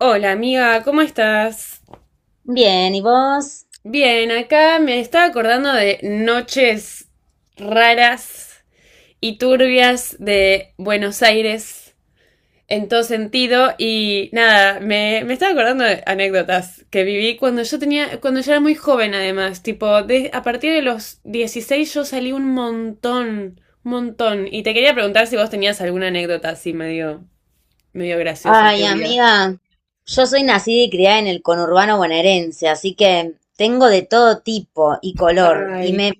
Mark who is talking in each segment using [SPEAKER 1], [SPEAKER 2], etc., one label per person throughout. [SPEAKER 1] Hola amiga, ¿cómo estás?
[SPEAKER 2] Bien, ¿y vos?
[SPEAKER 1] Bien, acá me estaba acordando de noches raras y turbias de Buenos Aires en todo sentido. Y nada, me estaba acordando de anécdotas que viví cuando yo tenía, cuando yo era muy joven además, tipo, a partir de los 16 yo salí un montón, un montón. Y te quería preguntar si vos tenías alguna anécdota así medio, medio graciosa,
[SPEAKER 2] Ay,
[SPEAKER 1] turbia.
[SPEAKER 2] amiga, yo soy nacida y criada en el conurbano bonaerense, así que tengo de todo tipo y color, y
[SPEAKER 1] Ay.
[SPEAKER 2] me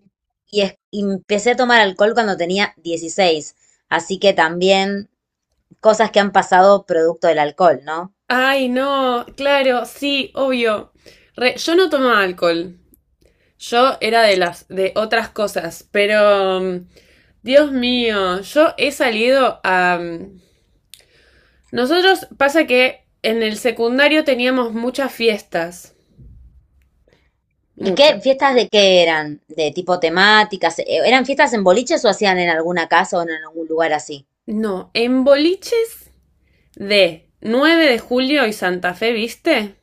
[SPEAKER 2] y es- y empecé a tomar alcohol cuando tenía 16, así que también cosas que han pasado producto del alcohol, ¿no?
[SPEAKER 1] Ay, no, claro, sí, obvio. Yo no tomaba alcohol. Yo era de las, de otras cosas, pero Dios mío, yo he salido a... Nosotros pasa que en el secundario teníamos muchas fiestas.
[SPEAKER 2] ¿Y
[SPEAKER 1] Muchas.
[SPEAKER 2] qué fiestas de qué eran? ¿De tipo temáticas? ¿Eran fiestas en boliches o hacían en alguna casa o en algún lugar así?
[SPEAKER 1] No, en boliches de 9 de julio y Santa Fe, ¿viste?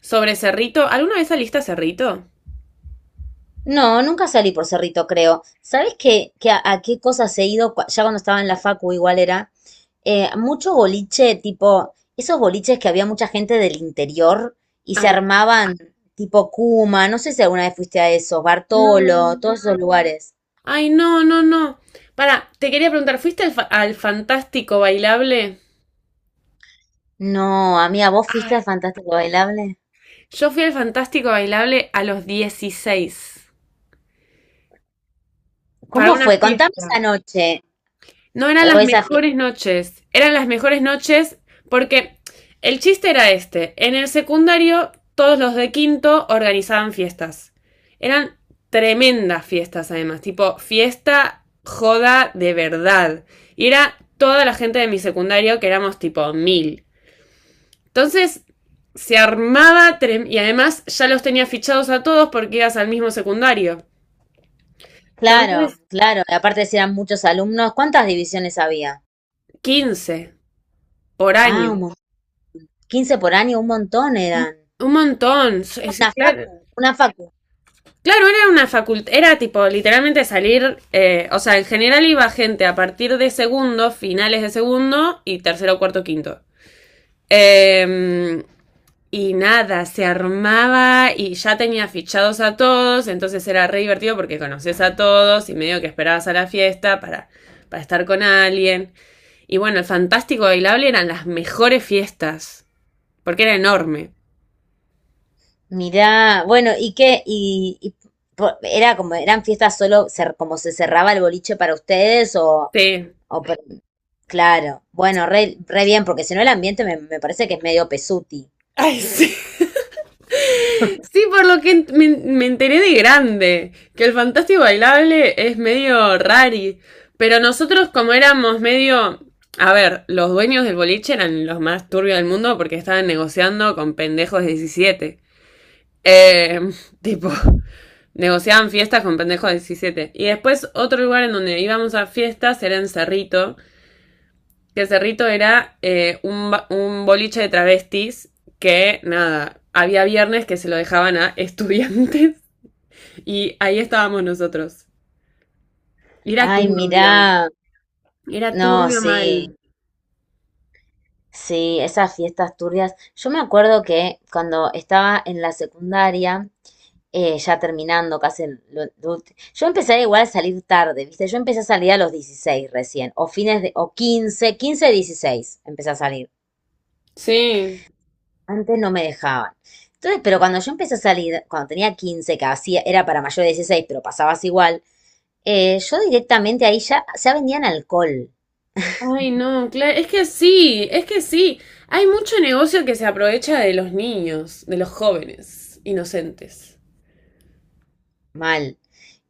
[SPEAKER 1] Sobre Cerrito. ¿Alguna vez saliste a Cerrito?
[SPEAKER 2] No, nunca salí por Cerrito, creo. ¿Sabés qué, a qué cosas he ido? Ya cuando estaba en la facu igual era. Mucho boliche, tipo, esos boliches que había mucha gente del interior y se
[SPEAKER 1] Ay, sí.
[SPEAKER 2] armaban tipo Kuma, no sé si alguna vez fuiste a esos, Bartolo,
[SPEAKER 1] No.
[SPEAKER 2] todos esos lugares.
[SPEAKER 1] Ay, no, no, no. Para, te quería preguntar, ¿fuiste al, al Fantástico Bailable?
[SPEAKER 2] No, amiga, ¿vos fuiste
[SPEAKER 1] Ay.
[SPEAKER 2] al Fantástico Bailable?
[SPEAKER 1] Yo fui al Fantástico Bailable a los 16 para
[SPEAKER 2] ¿Cómo
[SPEAKER 1] una
[SPEAKER 2] fue? Contame
[SPEAKER 1] fiesta.
[SPEAKER 2] esa noche
[SPEAKER 1] No eran
[SPEAKER 2] o
[SPEAKER 1] las
[SPEAKER 2] esa fiesta.
[SPEAKER 1] mejores noches, eran las mejores noches porque el chiste era este. En el secundario, todos los de quinto organizaban fiestas. Eran tremendas fiestas además, tipo fiesta joda de verdad. Y era toda la gente de mi secundario, que éramos tipo mil. Entonces se armaba, y además ya los tenía fichados a todos porque ibas al mismo secundario.
[SPEAKER 2] Claro,
[SPEAKER 1] Entonces,
[SPEAKER 2] claro. Y aparte si eran muchos alumnos, ¿cuántas divisiones había?
[SPEAKER 1] 15 por
[SPEAKER 2] Ah,
[SPEAKER 1] año.
[SPEAKER 2] 15 por año, un montón eran.
[SPEAKER 1] Un montón.
[SPEAKER 2] Una
[SPEAKER 1] Claro,
[SPEAKER 2] facu, una facu.
[SPEAKER 1] claro, era una facultad, era tipo literalmente salir, o sea, en general iba gente a partir de segundo, finales de segundo y tercero, cuarto, quinto. Em, Y nada, se armaba y ya tenía fichados a todos, entonces era re divertido porque conoces a todos y medio que esperabas a la fiesta para estar con alguien. Y bueno, el Fantástico Bailable eran las mejores fiestas, porque era enorme.
[SPEAKER 2] Mirá, bueno, ¿y qué? ¿Y era como, eran fiestas solo, como se cerraba el boliche para ustedes o,
[SPEAKER 1] Sí.
[SPEAKER 2] o claro, bueno, re bien, porque si no el ambiente me parece que es medio pesuti.
[SPEAKER 1] Ay, sí. Sí, por lo que me enteré de grande, que el fantástico bailable es medio rari, pero nosotros como éramos medio... A ver, los dueños del boliche eran los más turbios del mundo porque estaban negociando con pendejos de diecisiete. Eh, Tipo, negociaban fiestas con pendejos de 17. Y después otro lugar en donde íbamos a fiestas era en Cerrito, que Cerrito era un, un boliche de travestis que, nada, había viernes que se lo dejaban a estudiantes y ahí estábamos nosotros. Era
[SPEAKER 2] Ay,
[SPEAKER 1] turbio.
[SPEAKER 2] mirá,
[SPEAKER 1] Era
[SPEAKER 2] no,
[SPEAKER 1] turbio mal.
[SPEAKER 2] sí, sí, esas fiestas turbias. Yo me acuerdo que cuando estaba en la secundaria, ya terminando casi. Lo yo empecé igual a salir tarde, ¿viste? Yo empecé a salir a los 16 recién, o fines de, o 15 15 16 empecé a salir.
[SPEAKER 1] Sí.
[SPEAKER 2] Antes no me dejaban. Entonces, pero cuando yo empecé a salir, cuando tenía 15 que hacía, era para mayor de 16 pero pasabas igual, yo directamente ahí ya vendían alcohol,
[SPEAKER 1] Ay, no, claro. Es que sí, es que sí. Hay mucho negocio que se aprovecha de los niños, de los jóvenes, inocentes.
[SPEAKER 2] mal.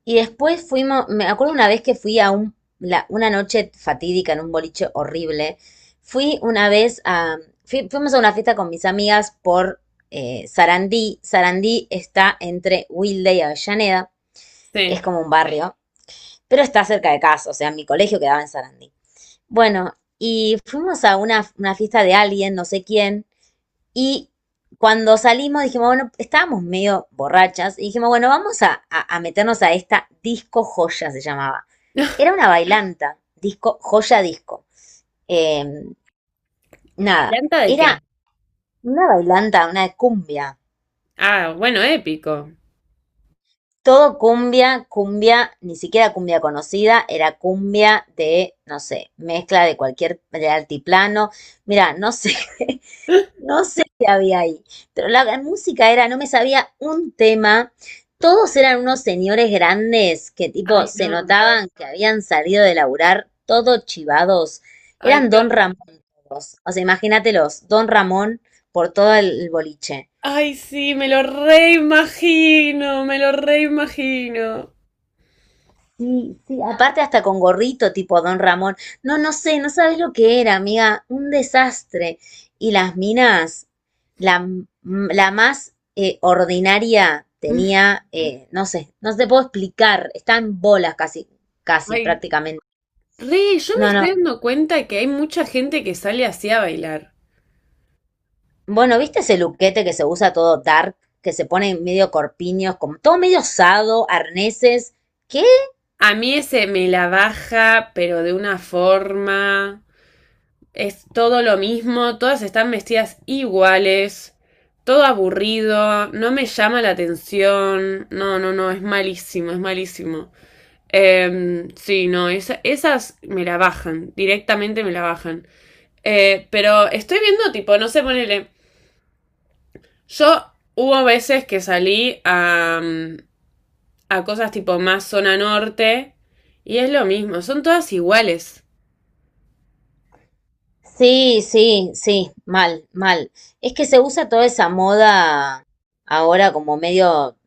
[SPEAKER 2] Y después fuimos, me acuerdo una vez que fui a un, una noche fatídica en un boliche horrible. Fui una vez a, fuimos a una fiesta con mis amigas por Sarandí. Sarandí está entre Wilde y Avellaneda, es
[SPEAKER 1] Sí.
[SPEAKER 2] como un barrio, pero está cerca de casa, o sea, mi colegio quedaba en Sarandí. Bueno, y fuimos a una fiesta de alguien, no sé quién, y cuando salimos dijimos, bueno, estábamos medio borrachas y dijimos, bueno, vamos a, a meternos a esta disco joya, se llamaba. Era una bailanta, disco, joya disco. Eh, nada,
[SPEAKER 1] ¿Varianta de
[SPEAKER 2] era
[SPEAKER 1] qué?
[SPEAKER 2] una bailanta, una cumbia.
[SPEAKER 1] Ah, bueno, épico.
[SPEAKER 2] Todo cumbia, cumbia, ni siquiera cumbia conocida, era cumbia de, no sé, mezcla de cualquier, de altiplano. Mira, no sé, no sé qué había ahí, pero la música era, no me sabía un tema. Todos eran unos señores grandes que tipo
[SPEAKER 1] Ay,
[SPEAKER 2] se
[SPEAKER 1] no.
[SPEAKER 2] notaban que habían salido de laburar todos chivados.
[SPEAKER 1] Ay,
[SPEAKER 2] Eran
[SPEAKER 1] qué
[SPEAKER 2] Don
[SPEAKER 1] horror.
[SPEAKER 2] Ramón todos. O sea, imagínatelos, Don Ramón por todo el boliche.
[SPEAKER 1] Ay, sí, me lo reimagino, me lo reimagino.
[SPEAKER 2] Sí, sí, aparte hasta con gorrito tipo Don Ramón. No, no sé, no sabes lo que era, amiga, un desastre. Y las minas, la, m- la más ordinaria tenía, no sé, no te puedo explicar, está en bolas casi, casi
[SPEAKER 1] Ay,
[SPEAKER 2] prácticamente.
[SPEAKER 1] re, yo me
[SPEAKER 2] No, no.
[SPEAKER 1] estoy dando cuenta que hay mucha gente que sale así a bailar.
[SPEAKER 2] Bueno, ¿viste ese luquete que se usa todo dark, que se pone medio corpiños, como todo medio osado, arneses? ¿Qué?
[SPEAKER 1] A mí ese me la baja, pero de una forma. Es todo lo mismo, todas están vestidas iguales, todo aburrido, no me llama la atención. No, no, no, es malísimo, es malísimo. Sí, no, esas me la bajan, directamente me la bajan. Pero estoy viendo, tipo, no sé, ponele. Yo hubo veces que salí a, a cosas tipo más zona norte y es lo mismo, son todas iguales.
[SPEAKER 2] Sí, sí, sí, mal, mal. Es que se usa toda esa moda ahora como medio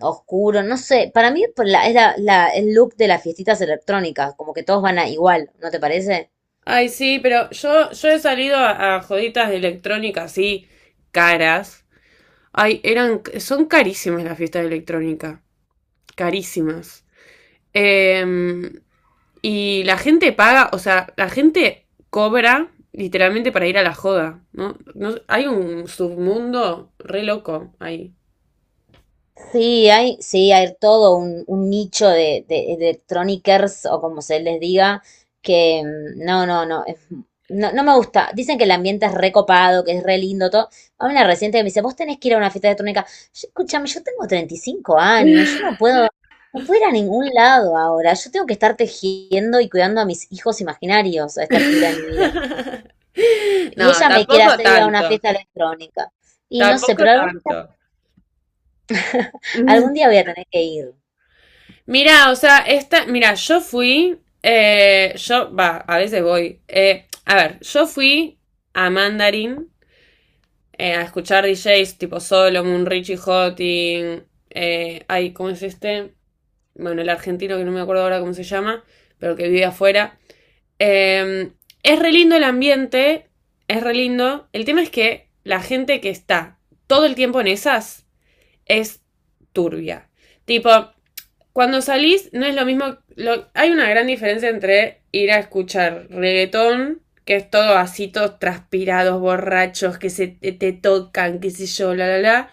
[SPEAKER 2] oscuro, no sé, para mí por es el look de las fiestitas electrónicas, como que todos van a igual, ¿no te parece?
[SPEAKER 1] Ay, sí, pero yo he salido a joditas de electrónica así, caras. Ay, eran, son carísimas las fiestas de electrónica. Carísimas. Em, y la gente paga, o sea, la gente cobra literalmente para ir a la joda, ¿no? Hay un submundo re loco ahí.
[SPEAKER 2] Sí, hay todo un, nicho de electronicers o como se les diga, que no, no, no, no, no me gusta. Dicen que el ambiente es recopado, que es re lindo, todo. A una reciente que me dice, vos tenés que ir a una fiesta electrónica. Yo, escúchame, yo tengo 35 años, yo no puedo, no puedo ir a ningún lado ahora. Yo tengo que estar tejiendo y cuidando a mis hijos imaginarios a esta altura de mi vida.
[SPEAKER 1] No,
[SPEAKER 2] Y ella me quiere
[SPEAKER 1] tampoco
[SPEAKER 2] hacer ir a una
[SPEAKER 1] tanto.
[SPEAKER 2] fiesta electrónica. Y no sé,
[SPEAKER 1] Tampoco
[SPEAKER 2] pero algún,
[SPEAKER 1] tanto.
[SPEAKER 2] algún día voy a tener que ir.
[SPEAKER 1] Mira, o sea, esta, mira, yo fui, yo, va, a veces voy, a ver, yo fui a Mandarin, a escuchar DJs tipo Solomon, Richie Hotting, ay, ¿cómo es este? Bueno, el argentino que no me acuerdo ahora cómo se llama, pero que vive afuera. Eh, es re lindo el ambiente, es re lindo. El tema es que la gente que está todo el tiempo en esas es turbia. Tipo, cuando salís no es lo mismo, hay una gran diferencia entre ir a escuchar reggaetón, que es todo así, todos transpirados, borrachos, que se te tocan, qué sé yo, la, la, la.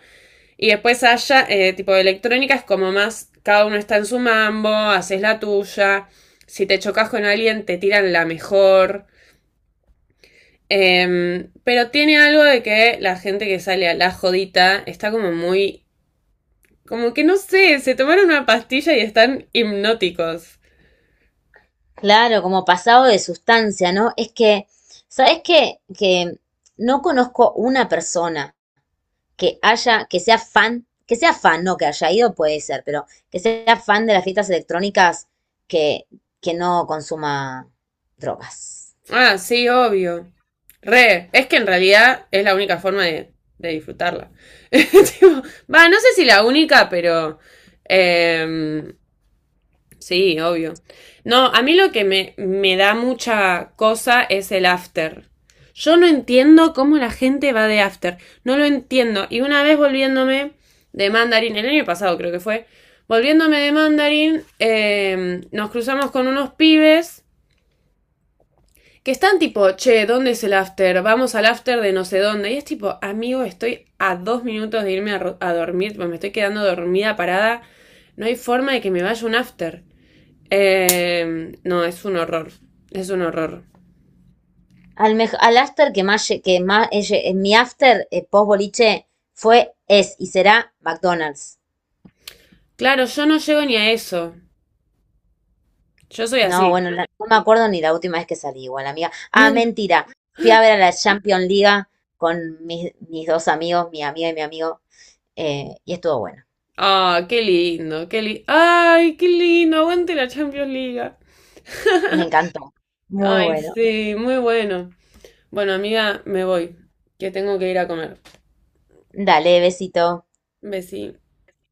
[SPEAKER 1] Y después haya, tipo de electrónica, es como más, cada uno está en su mambo, haces la tuya, si te chocas con alguien te tiran la mejor. Pero tiene algo de que la gente que sale a la jodita está como muy, como que no sé, se tomaron una pastilla y están hipnóticos.
[SPEAKER 2] Claro, como pasado de sustancia, ¿no? Es que, ¿sabes qué? Que no conozco una persona que haya, que sea fan, no que haya ido, puede ser, pero que sea fan de las fiestas electrónicas que, que, no consuma drogas.
[SPEAKER 1] Ah, sí, obvio. Re, es que en realidad es la única forma de disfrutarla. Tipo, va, no sé si la única, pero em, sí, obvio. No, a mí lo que me da mucha cosa es el after. Yo no entiendo cómo la gente va de after. No lo entiendo. Y una vez volviéndome de Mandarin, el año pasado creo que fue, volviéndome de Mandarin, nos cruzamos con unos pibes que están tipo, che, ¿dónde es el after? Vamos al after de no sé dónde. Y es tipo, amigo, estoy a dos minutos de irme a dormir, pues me estoy quedando dormida, parada. No hay forma de que me vaya un after. No, es un horror. Es un horror.
[SPEAKER 2] Al after que más, en mi after post boliche fue, es y será McDonald's.
[SPEAKER 1] Claro, yo no llego ni a eso. Yo soy
[SPEAKER 2] No,
[SPEAKER 1] así.
[SPEAKER 2] bueno, no me acuerdo ni la última vez que salí igual, amiga. Ah, mentira. Fui a ver a la Champions League con mis dos amigos, mi amiga y mi amigo, y estuvo bueno.
[SPEAKER 1] Ah, qué lindo, qué lindo. Ay, qué lindo, aguante la Champions League.
[SPEAKER 2] Me encantó. Muy
[SPEAKER 1] Ay,
[SPEAKER 2] bueno.
[SPEAKER 1] sí, muy bueno. Bueno, amiga, me voy, que tengo que ir a comer.
[SPEAKER 2] Dale, besito.
[SPEAKER 1] Besí.